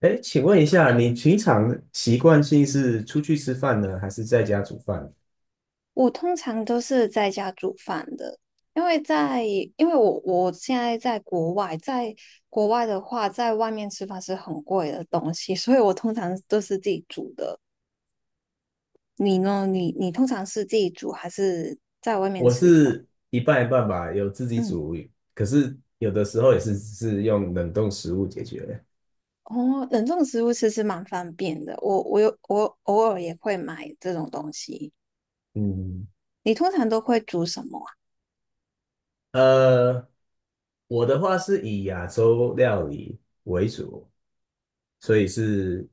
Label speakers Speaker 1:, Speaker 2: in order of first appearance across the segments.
Speaker 1: 哎，请问一下，你平常习惯性是出去吃饭呢，还是在家煮饭？
Speaker 2: 我通常都是在家煮饭的，因为在因为我现在在国外，在国外的话，在外面吃饭是很贵的东西，所以我通常都是自己煮的。你呢？你通常是自己煮还是
Speaker 1: 我是一半一半吧，有自己
Speaker 2: 嗯。
Speaker 1: 煮，可是有的时候也是用冷冻食物解决的。
Speaker 2: 哦，冷冻食物其实蛮方便的。我偶尔也会买这种东西。
Speaker 1: 嗯，
Speaker 2: 你通常都会煮什么？
Speaker 1: 呃，我的话是以亚洲料理为主，所以是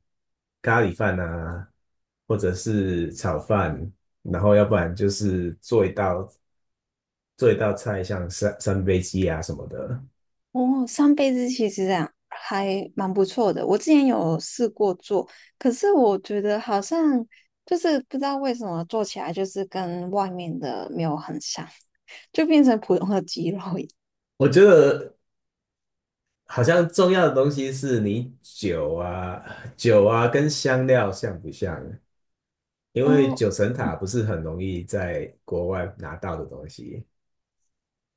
Speaker 1: 咖喱饭啊，或者是炒饭，然后要不然就是做一道菜，像三杯鸡啊什么的。
Speaker 2: 哦，上辈子其实啊还蛮不错的。我之前有试过做，可是我觉得好像就是不知道为什么做起来就是跟外面的没有很像，就变成普通的鸡肉一样。
Speaker 1: 我觉得好像重要的东西是你酒啊跟香料像不像？因为
Speaker 2: 哦，
Speaker 1: 九层塔不是很容易在国外拿到的东西。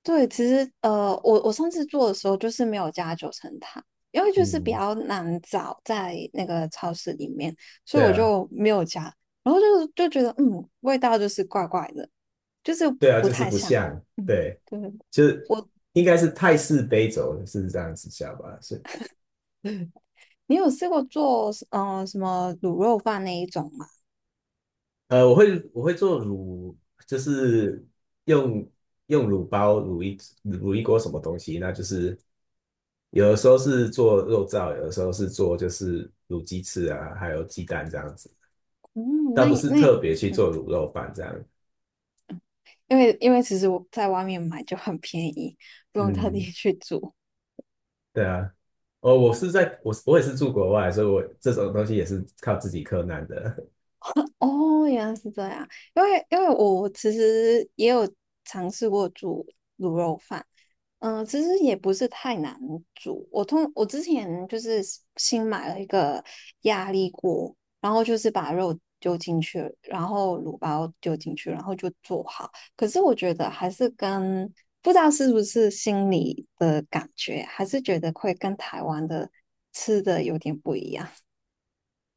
Speaker 2: 对，其实我上次做的时候就是没有加九层塔，因为就是比
Speaker 1: 嗯，
Speaker 2: 较难找在那个超市里面，所以
Speaker 1: 对
Speaker 2: 我
Speaker 1: 啊，
Speaker 2: 就没有加。然后就觉得嗯，味道就是怪怪的，就是
Speaker 1: 对啊，
Speaker 2: 不
Speaker 1: 就是
Speaker 2: 太
Speaker 1: 不
Speaker 2: 像。
Speaker 1: 像，
Speaker 2: 嗯，
Speaker 1: 对，
Speaker 2: 对，
Speaker 1: 就是
Speaker 2: 我
Speaker 1: 应该是泰式杯酒是这样子叫吧？是。
Speaker 2: 嗯，你有试过做什么卤肉饭那一种吗？
Speaker 1: 我会做卤，就是用用卤包卤一锅什么东西，那就是有的时候是做肉燥，有的时候是做就是卤鸡翅啊，还有鸡蛋这样子，
Speaker 2: 嗯，
Speaker 1: 倒
Speaker 2: 那
Speaker 1: 不
Speaker 2: 也
Speaker 1: 是
Speaker 2: 那也
Speaker 1: 特别去
Speaker 2: 嗯，
Speaker 1: 做卤肉饭这样。
Speaker 2: 因为其实我在外面买就很便宜，不用特地
Speaker 1: 嗯，
Speaker 2: 去煮。
Speaker 1: 对啊，哦，我也是住国外，所以我这种东西也是靠自己克难的。
Speaker 2: 哦，原来是这样。因为我其实也有尝试过煮卤肉饭，嗯、其实也不是太难煮。我之前就是新买了一个压力锅，然后就是把肉丢进去，然后卤包丢进去，然后就做好。可是我觉得还是跟不知道是不是心里的感觉，还是觉得会跟台湾的吃的有点不一样。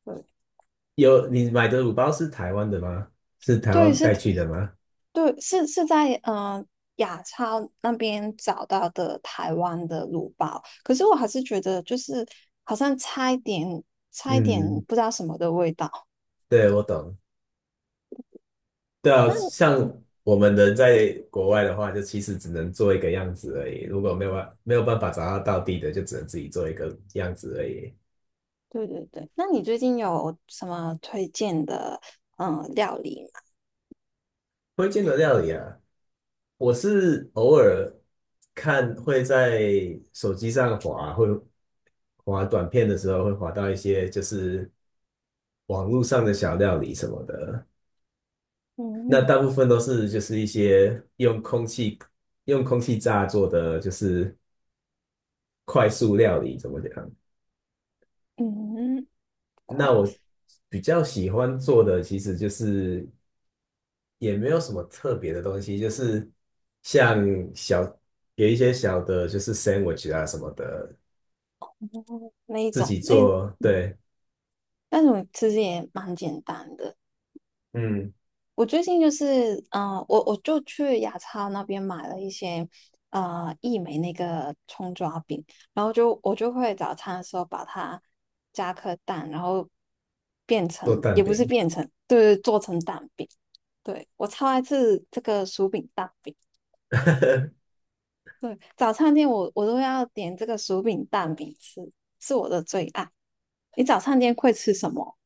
Speaker 2: 对，
Speaker 1: 你买的卤包是台湾的吗？是台
Speaker 2: 对，
Speaker 1: 湾带去的吗？
Speaker 2: 在嗯、雅超那边找到的台湾的卤包，可是我还是觉得就是好像差一点，差一点
Speaker 1: 嗯，
Speaker 2: 不知道什么的味道。
Speaker 1: 对，我懂。对啊，
Speaker 2: 那
Speaker 1: 像
Speaker 2: 嗯，
Speaker 1: 我们人在国外的话，就其实只能做一个样子而已。如果没有办法找到道地的，就只能自己做一个样子而已。
Speaker 2: 对对对，那你最近有什么推荐的料理吗？
Speaker 1: 推荐的料理啊，我是偶尔会在手机上滑，会滑短片的时候会滑到一些就是网络上的小料理什么的。那
Speaker 2: 嗯
Speaker 1: 大部分都是就是一些用空气炸做的，就是快速料理，怎么讲？
Speaker 2: 嗯，快
Speaker 1: 那我比较喜欢做的其实就是也没有什么特别的东西，就是像小，有一些小的，就是 sandwich 啊什么的，
Speaker 2: 那一
Speaker 1: 自
Speaker 2: 种
Speaker 1: 己
Speaker 2: 那
Speaker 1: 做，对，
Speaker 2: 那种其实也蛮简单的，
Speaker 1: 嗯，
Speaker 2: 我最近就是，我就去雅超那边买了一些，呃，益美那个葱抓饼，然后我就会早餐的时候把它加颗蛋，然后变
Speaker 1: 做
Speaker 2: 成，
Speaker 1: 蛋
Speaker 2: 也不是
Speaker 1: 饼。
Speaker 2: 变成，对，做成蛋饼。对，我超爱吃这个薯饼蛋饼，对，早餐店我都要点这个薯饼蛋饼吃，是我的最爱。你早餐店会吃什么？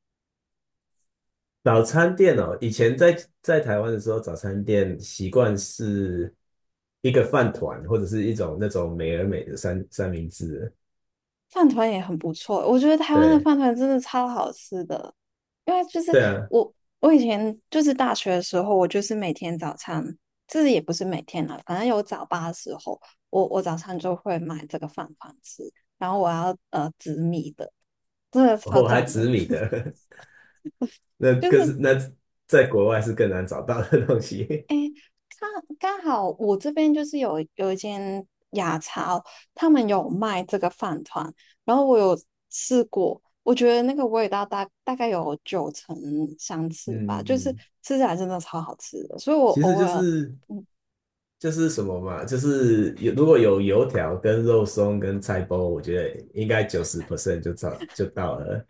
Speaker 1: 早餐店哦，以前在台湾的时候，早餐店习惯是一个饭团或者是一种那种美而美的三明治，
Speaker 2: 饭团也很不错，我觉得台湾的
Speaker 1: 对
Speaker 2: 饭团真的超好吃的。因为就是
Speaker 1: 对啊，
Speaker 2: 我，我以前就是大学的时候，我就是每天早餐，就是也不是每天啦，反正有早八的时候，我早餐就会买这个饭团吃，然后我要紫米的，真的超
Speaker 1: 我还
Speaker 2: 赞
Speaker 1: 紫
Speaker 2: 的，
Speaker 1: 米 的，
Speaker 2: 就
Speaker 1: 可是
Speaker 2: 是
Speaker 1: 那在国外是更难找到的东西。
Speaker 2: 刚刚好我这边就是有一间雅超，他们有卖这个饭团，然后我有试过，我觉得那个味道大概有九成相似吧，
Speaker 1: 嗯
Speaker 2: 就是
Speaker 1: 嗯，
Speaker 2: 吃起来真的超好吃的，所以我
Speaker 1: 其实
Speaker 2: 偶
Speaker 1: 就
Speaker 2: 尔，
Speaker 1: 是
Speaker 2: 嗯，
Speaker 1: 就是什么嘛，就是如果有油条跟肉松跟菜包，我觉得应该90% 就到了。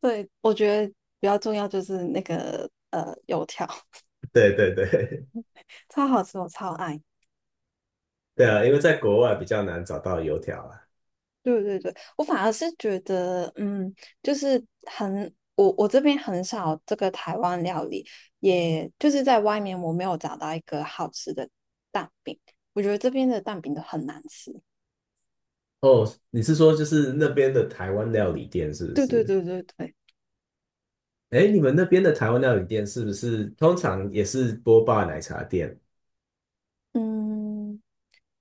Speaker 2: 对，我觉得比较重要就是那个油条，
Speaker 1: 对对对，
Speaker 2: 超好吃，我超爱。
Speaker 1: 对啊，因为在国外比较难找到油条啊。
Speaker 2: 对对对，我反而是觉得，嗯，就是很，我这边很少这个台湾料理，也就是在外面我没有找到一个好吃的蛋饼，我觉得这边的蛋饼都很难吃。
Speaker 1: 哦，你是说就是那边的台湾料理店是不
Speaker 2: 对对
Speaker 1: 是？
Speaker 2: 对对对，
Speaker 1: 哎，你们那边的台湾料理店是不是通常也是波霸奶茶店？
Speaker 2: 嗯，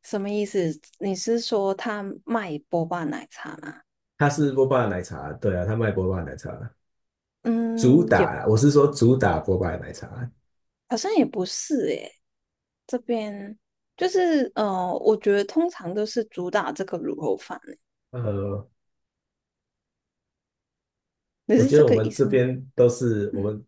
Speaker 2: 什么意思？你是说他卖波霸奶茶吗？
Speaker 1: 它是波霸奶茶，对啊，它卖波霸奶茶。主
Speaker 2: 嗯，也
Speaker 1: 打，我是说主打波霸奶茶。
Speaker 2: 好像也不是诶，这边就是我觉得通常都是主打这个卤肉饭，
Speaker 1: 呃，
Speaker 2: 你
Speaker 1: 我
Speaker 2: 是
Speaker 1: 觉
Speaker 2: 这
Speaker 1: 得我
Speaker 2: 个
Speaker 1: 们
Speaker 2: 意
Speaker 1: 这
Speaker 2: 思吗？
Speaker 1: 边都是我
Speaker 2: 嗯。
Speaker 1: 们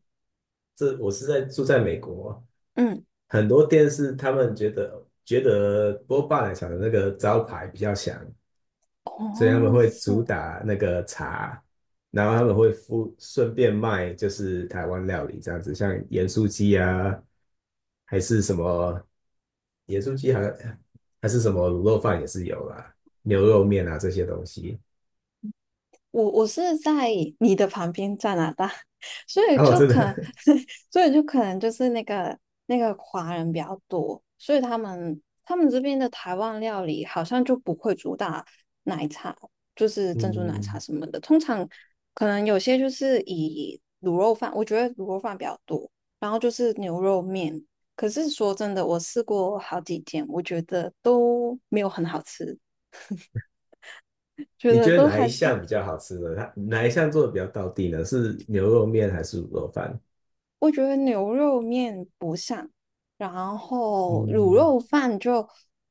Speaker 1: 这我住在美国，
Speaker 2: 嗯。
Speaker 1: 很多店是他们觉得波霸奶茶的那个招牌比较响，所以他们
Speaker 2: 哦，
Speaker 1: 会主
Speaker 2: 是
Speaker 1: 打那个茶，然后他们会顺便卖就是台湾料理这样子，像盐酥鸡啊，还是什么盐酥鸡好像，还是什么卤肉饭也是有啦，牛肉面啊这些东西。
Speaker 2: 我，我是在你的旁边加拿大，所以
Speaker 1: 然后
Speaker 2: 就
Speaker 1: 真
Speaker 2: 可能，
Speaker 1: 的。
Speaker 2: 所以就可能就是那个华人比较多，所以他们这边的台湾料理好像就不会主打奶茶，就是珍珠奶茶
Speaker 1: 嗯，
Speaker 2: 什么的，通常可能有些就是以卤肉饭，我觉得卤肉饭比较多，然后就是牛肉面。可是说真的，我试过好几间，我觉得都没有很好吃。觉
Speaker 1: 你觉
Speaker 2: 得
Speaker 1: 得
Speaker 2: 都
Speaker 1: 哪一
Speaker 2: 还是
Speaker 1: 项比较好吃呢？它哪一项做的比较到地呢？是牛肉面还是卤肉饭？
Speaker 2: 我觉得牛肉面不像，然后卤
Speaker 1: 嗯，
Speaker 2: 肉饭就，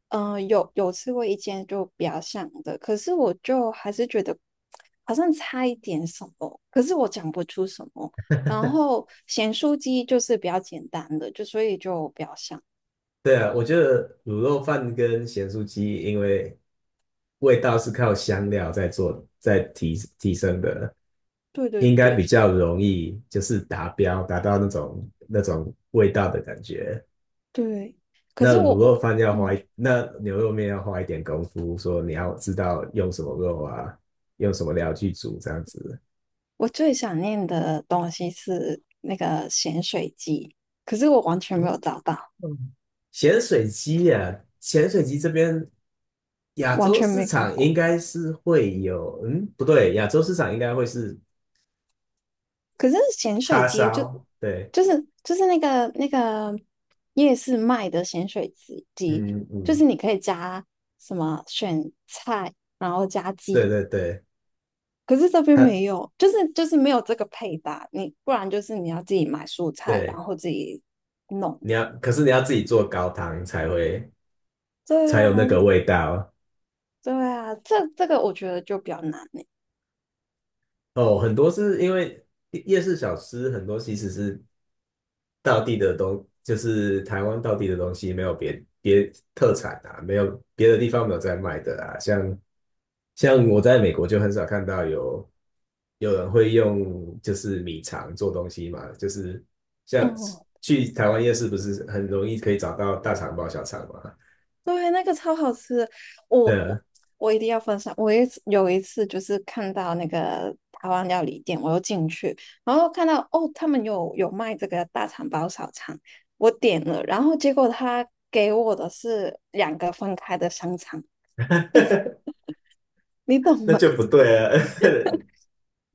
Speaker 2: 嗯、有有吃过一间就比较像的，可是我就还是觉得好像差一点什么，可是我讲不出什么。然后咸酥鸡就是比较简单的，就所以就比较像。
Speaker 1: 对啊，我觉得卤肉饭跟咸酥鸡，因为味道是靠香料在做，在提升的，
Speaker 2: 对对
Speaker 1: 应该
Speaker 2: 对
Speaker 1: 比较容易就是达标，达到那种味道的感觉。
Speaker 2: 对，可是我我嗯，
Speaker 1: 那牛肉面要花一点功夫，说你要知道用什么肉啊，用什么料去煮这样子。
Speaker 2: 我最想念的东西是那个咸水鸡，可是我完全没有找到，
Speaker 1: 嗯，咸水鸡这边亚
Speaker 2: 完
Speaker 1: 洲
Speaker 2: 全
Speaker 1: 市
Speaker 2: 没看
Speaker 1: 场应
Speaker 2: 过。
Speaker 1: 该是会有，嗯，不对，亚洲市场应该会是
Speaker 2: 可是咸水
Speaker 1: 叉
Speaker 2: 鸡就
Speaker 1: 烧，对，
Speaker 2: 就是那个夜市卖的咸水鸡鸡，
Speaker 1: 嗯
Speaker 2: 就是
Speaker 1: 嗯，
Speaker 2: 你可以加什么选菜，然后加
Speaker 1: 对
Speaker 2: 鸡。
Speaker 1: 对对，
Speaker 2: 可是这边
Speaker 1: 它
Speaker 2: 没有，就是没有这个配搭，你不然就是你要自己买蔬菜，然
Speaker 1: 对，
Speaker 2: 后自己弄。
Speaker 1: 你要，可是你要自己做高汤
Speaker 2: 对
Speaker 1: 才
Speaker 2: 啊，
Speaker 1: 有那个味道
Speaker 2: 对啊，这个我觉得就比较难呢。
Speaker 1: 哦。很多是因为夜市小吃很多其实是道地的东，就是台湾道地的东西，没有别特产啊，没有别的地方没有在卖的啊。像我在美国就很少看到有人会用就是米肠做东西嘛，就是像
Speaker 2: 嗯。
Speaker 1: 去台湾夜市不是很容易可以找到大肠包小肠嘛？
Speaker 2: 对，那个超好吃，
Speaker 1: 对
Speaker 2: 我
Speaker 1: 啊，
Speaker 2: 我我一定要分享。我一次有一次就是看到那个台湾料理店，我又进去，然后看到哦，他们有卖这个大肠包小肠，我点了，然后结果他给我的是两个分开的香肠，你懂
Speaker 1: 那
Speaker 2: 吗？
Speaker 1: 就不对啊，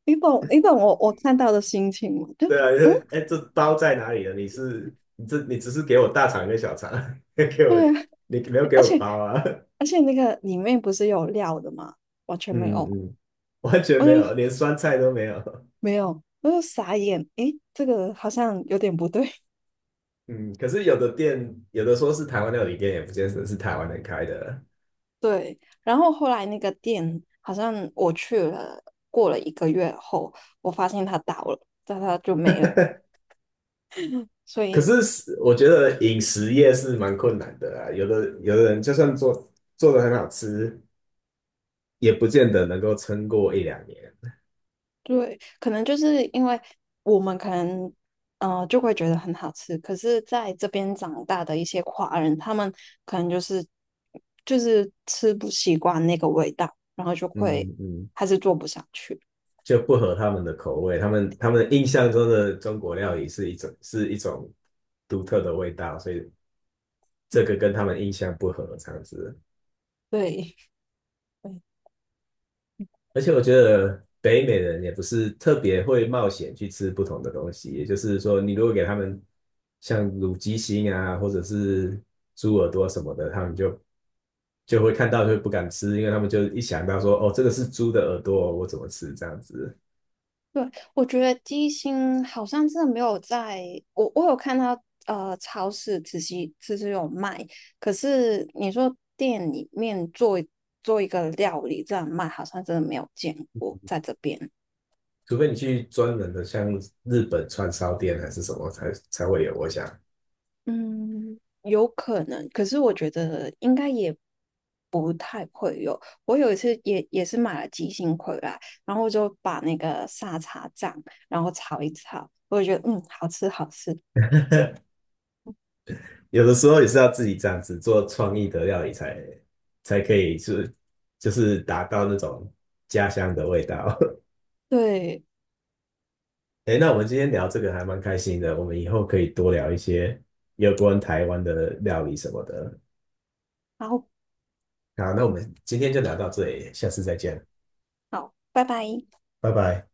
Speaker 2: 你懂我看到的心情吗？就
Speaker 1: 对啊，你说哎，这包在哪里了？你只是给我大肠跟小肠，给我
Speaker 2: 对啊，
Speaker 1: 你没有给
Speaker 2: 而
Speaker 1: 我
Speaker 2: 且
Speaker 1: 包啊？
Speaker 2: 而且那个里面不是有料的吗？完全没有，
Speaker 1: 嗯嗯，完全
Speaker 2: 我
Speaker 1: 没
Speaker 2: 就
Speaker 1: 有，连酸菜都没有。
Speaker 2: 没有，我就傻眼，诶，这个好像有点不对。
Speaker 1: 嗯，可是有的店，有的说是台湾料理店，也不见得是台湾人开的。
Speaker 2: 对，然后后来那个店好像我去了，过了一个月后，我发现它倒了，但它就没了。所
Speaker 1: 可
Speaker 2: 以
Speaker 1: 是是我觉得饮食业是蛮困难的啊，有的人就算做的很好吃，也不见得能够撑过一两年。
Speaker 2: 对，可能就是因为我们可能就会觉得很好吃，可是在这边长大的一些华人，他们可能就是吃不习惯那个味道，然后就会
Speaker 1: 嗯嗯，
Speaker 2: 还是做不下去。
Speaker 1: 就不合他们的口味，他们印象中的中国料理是一种独特的味道，所以这个跟他们印象不合，这样子。
Speaker 2: 对，
Speaker 1: 而且我觉得北美人也不是特别会冒险去吃不同的东西，也就是说，你如果给他们像卤鸡心啊，或者是猪耳朵什么的，他们就会看到就不敢吃，因为他们就一想到说，哦，这个是猪的耳朵，我怎么吃这样子？
Speaker 2: 对，我觉得低心好像真的没有在，我我有看到超市只是有卖，可是你说店里面做一个料理这样卖，好像真的没有见过在这边。
Speaker 1: 除非你去专门的像日本串烧店还是什么才会有，我想
Speaker 2: 嗯，有可能，可是我觉得应该也不太会有。我有一次也是买了鸡心回来，然后我就把那个沙茶酱，然后炒一炒，我就觉得嗯好吃好吃，
Speaker 1: 有的时候也是要自己这样子做创意的料理才可以就是达到那种家乡的味道。
Speaker 2: 对。
Speaker 1: 哎，那我们今天聊这个还蛮开心的，我们以后可以多聊一些有关台湾的料理什么的。
Speaker 2: 然后。
Speaker 1: 好，那我们今天就聊到这里，下次再见，
Speaker 2: 好，拜拜。
Speaker 1: 拜拜。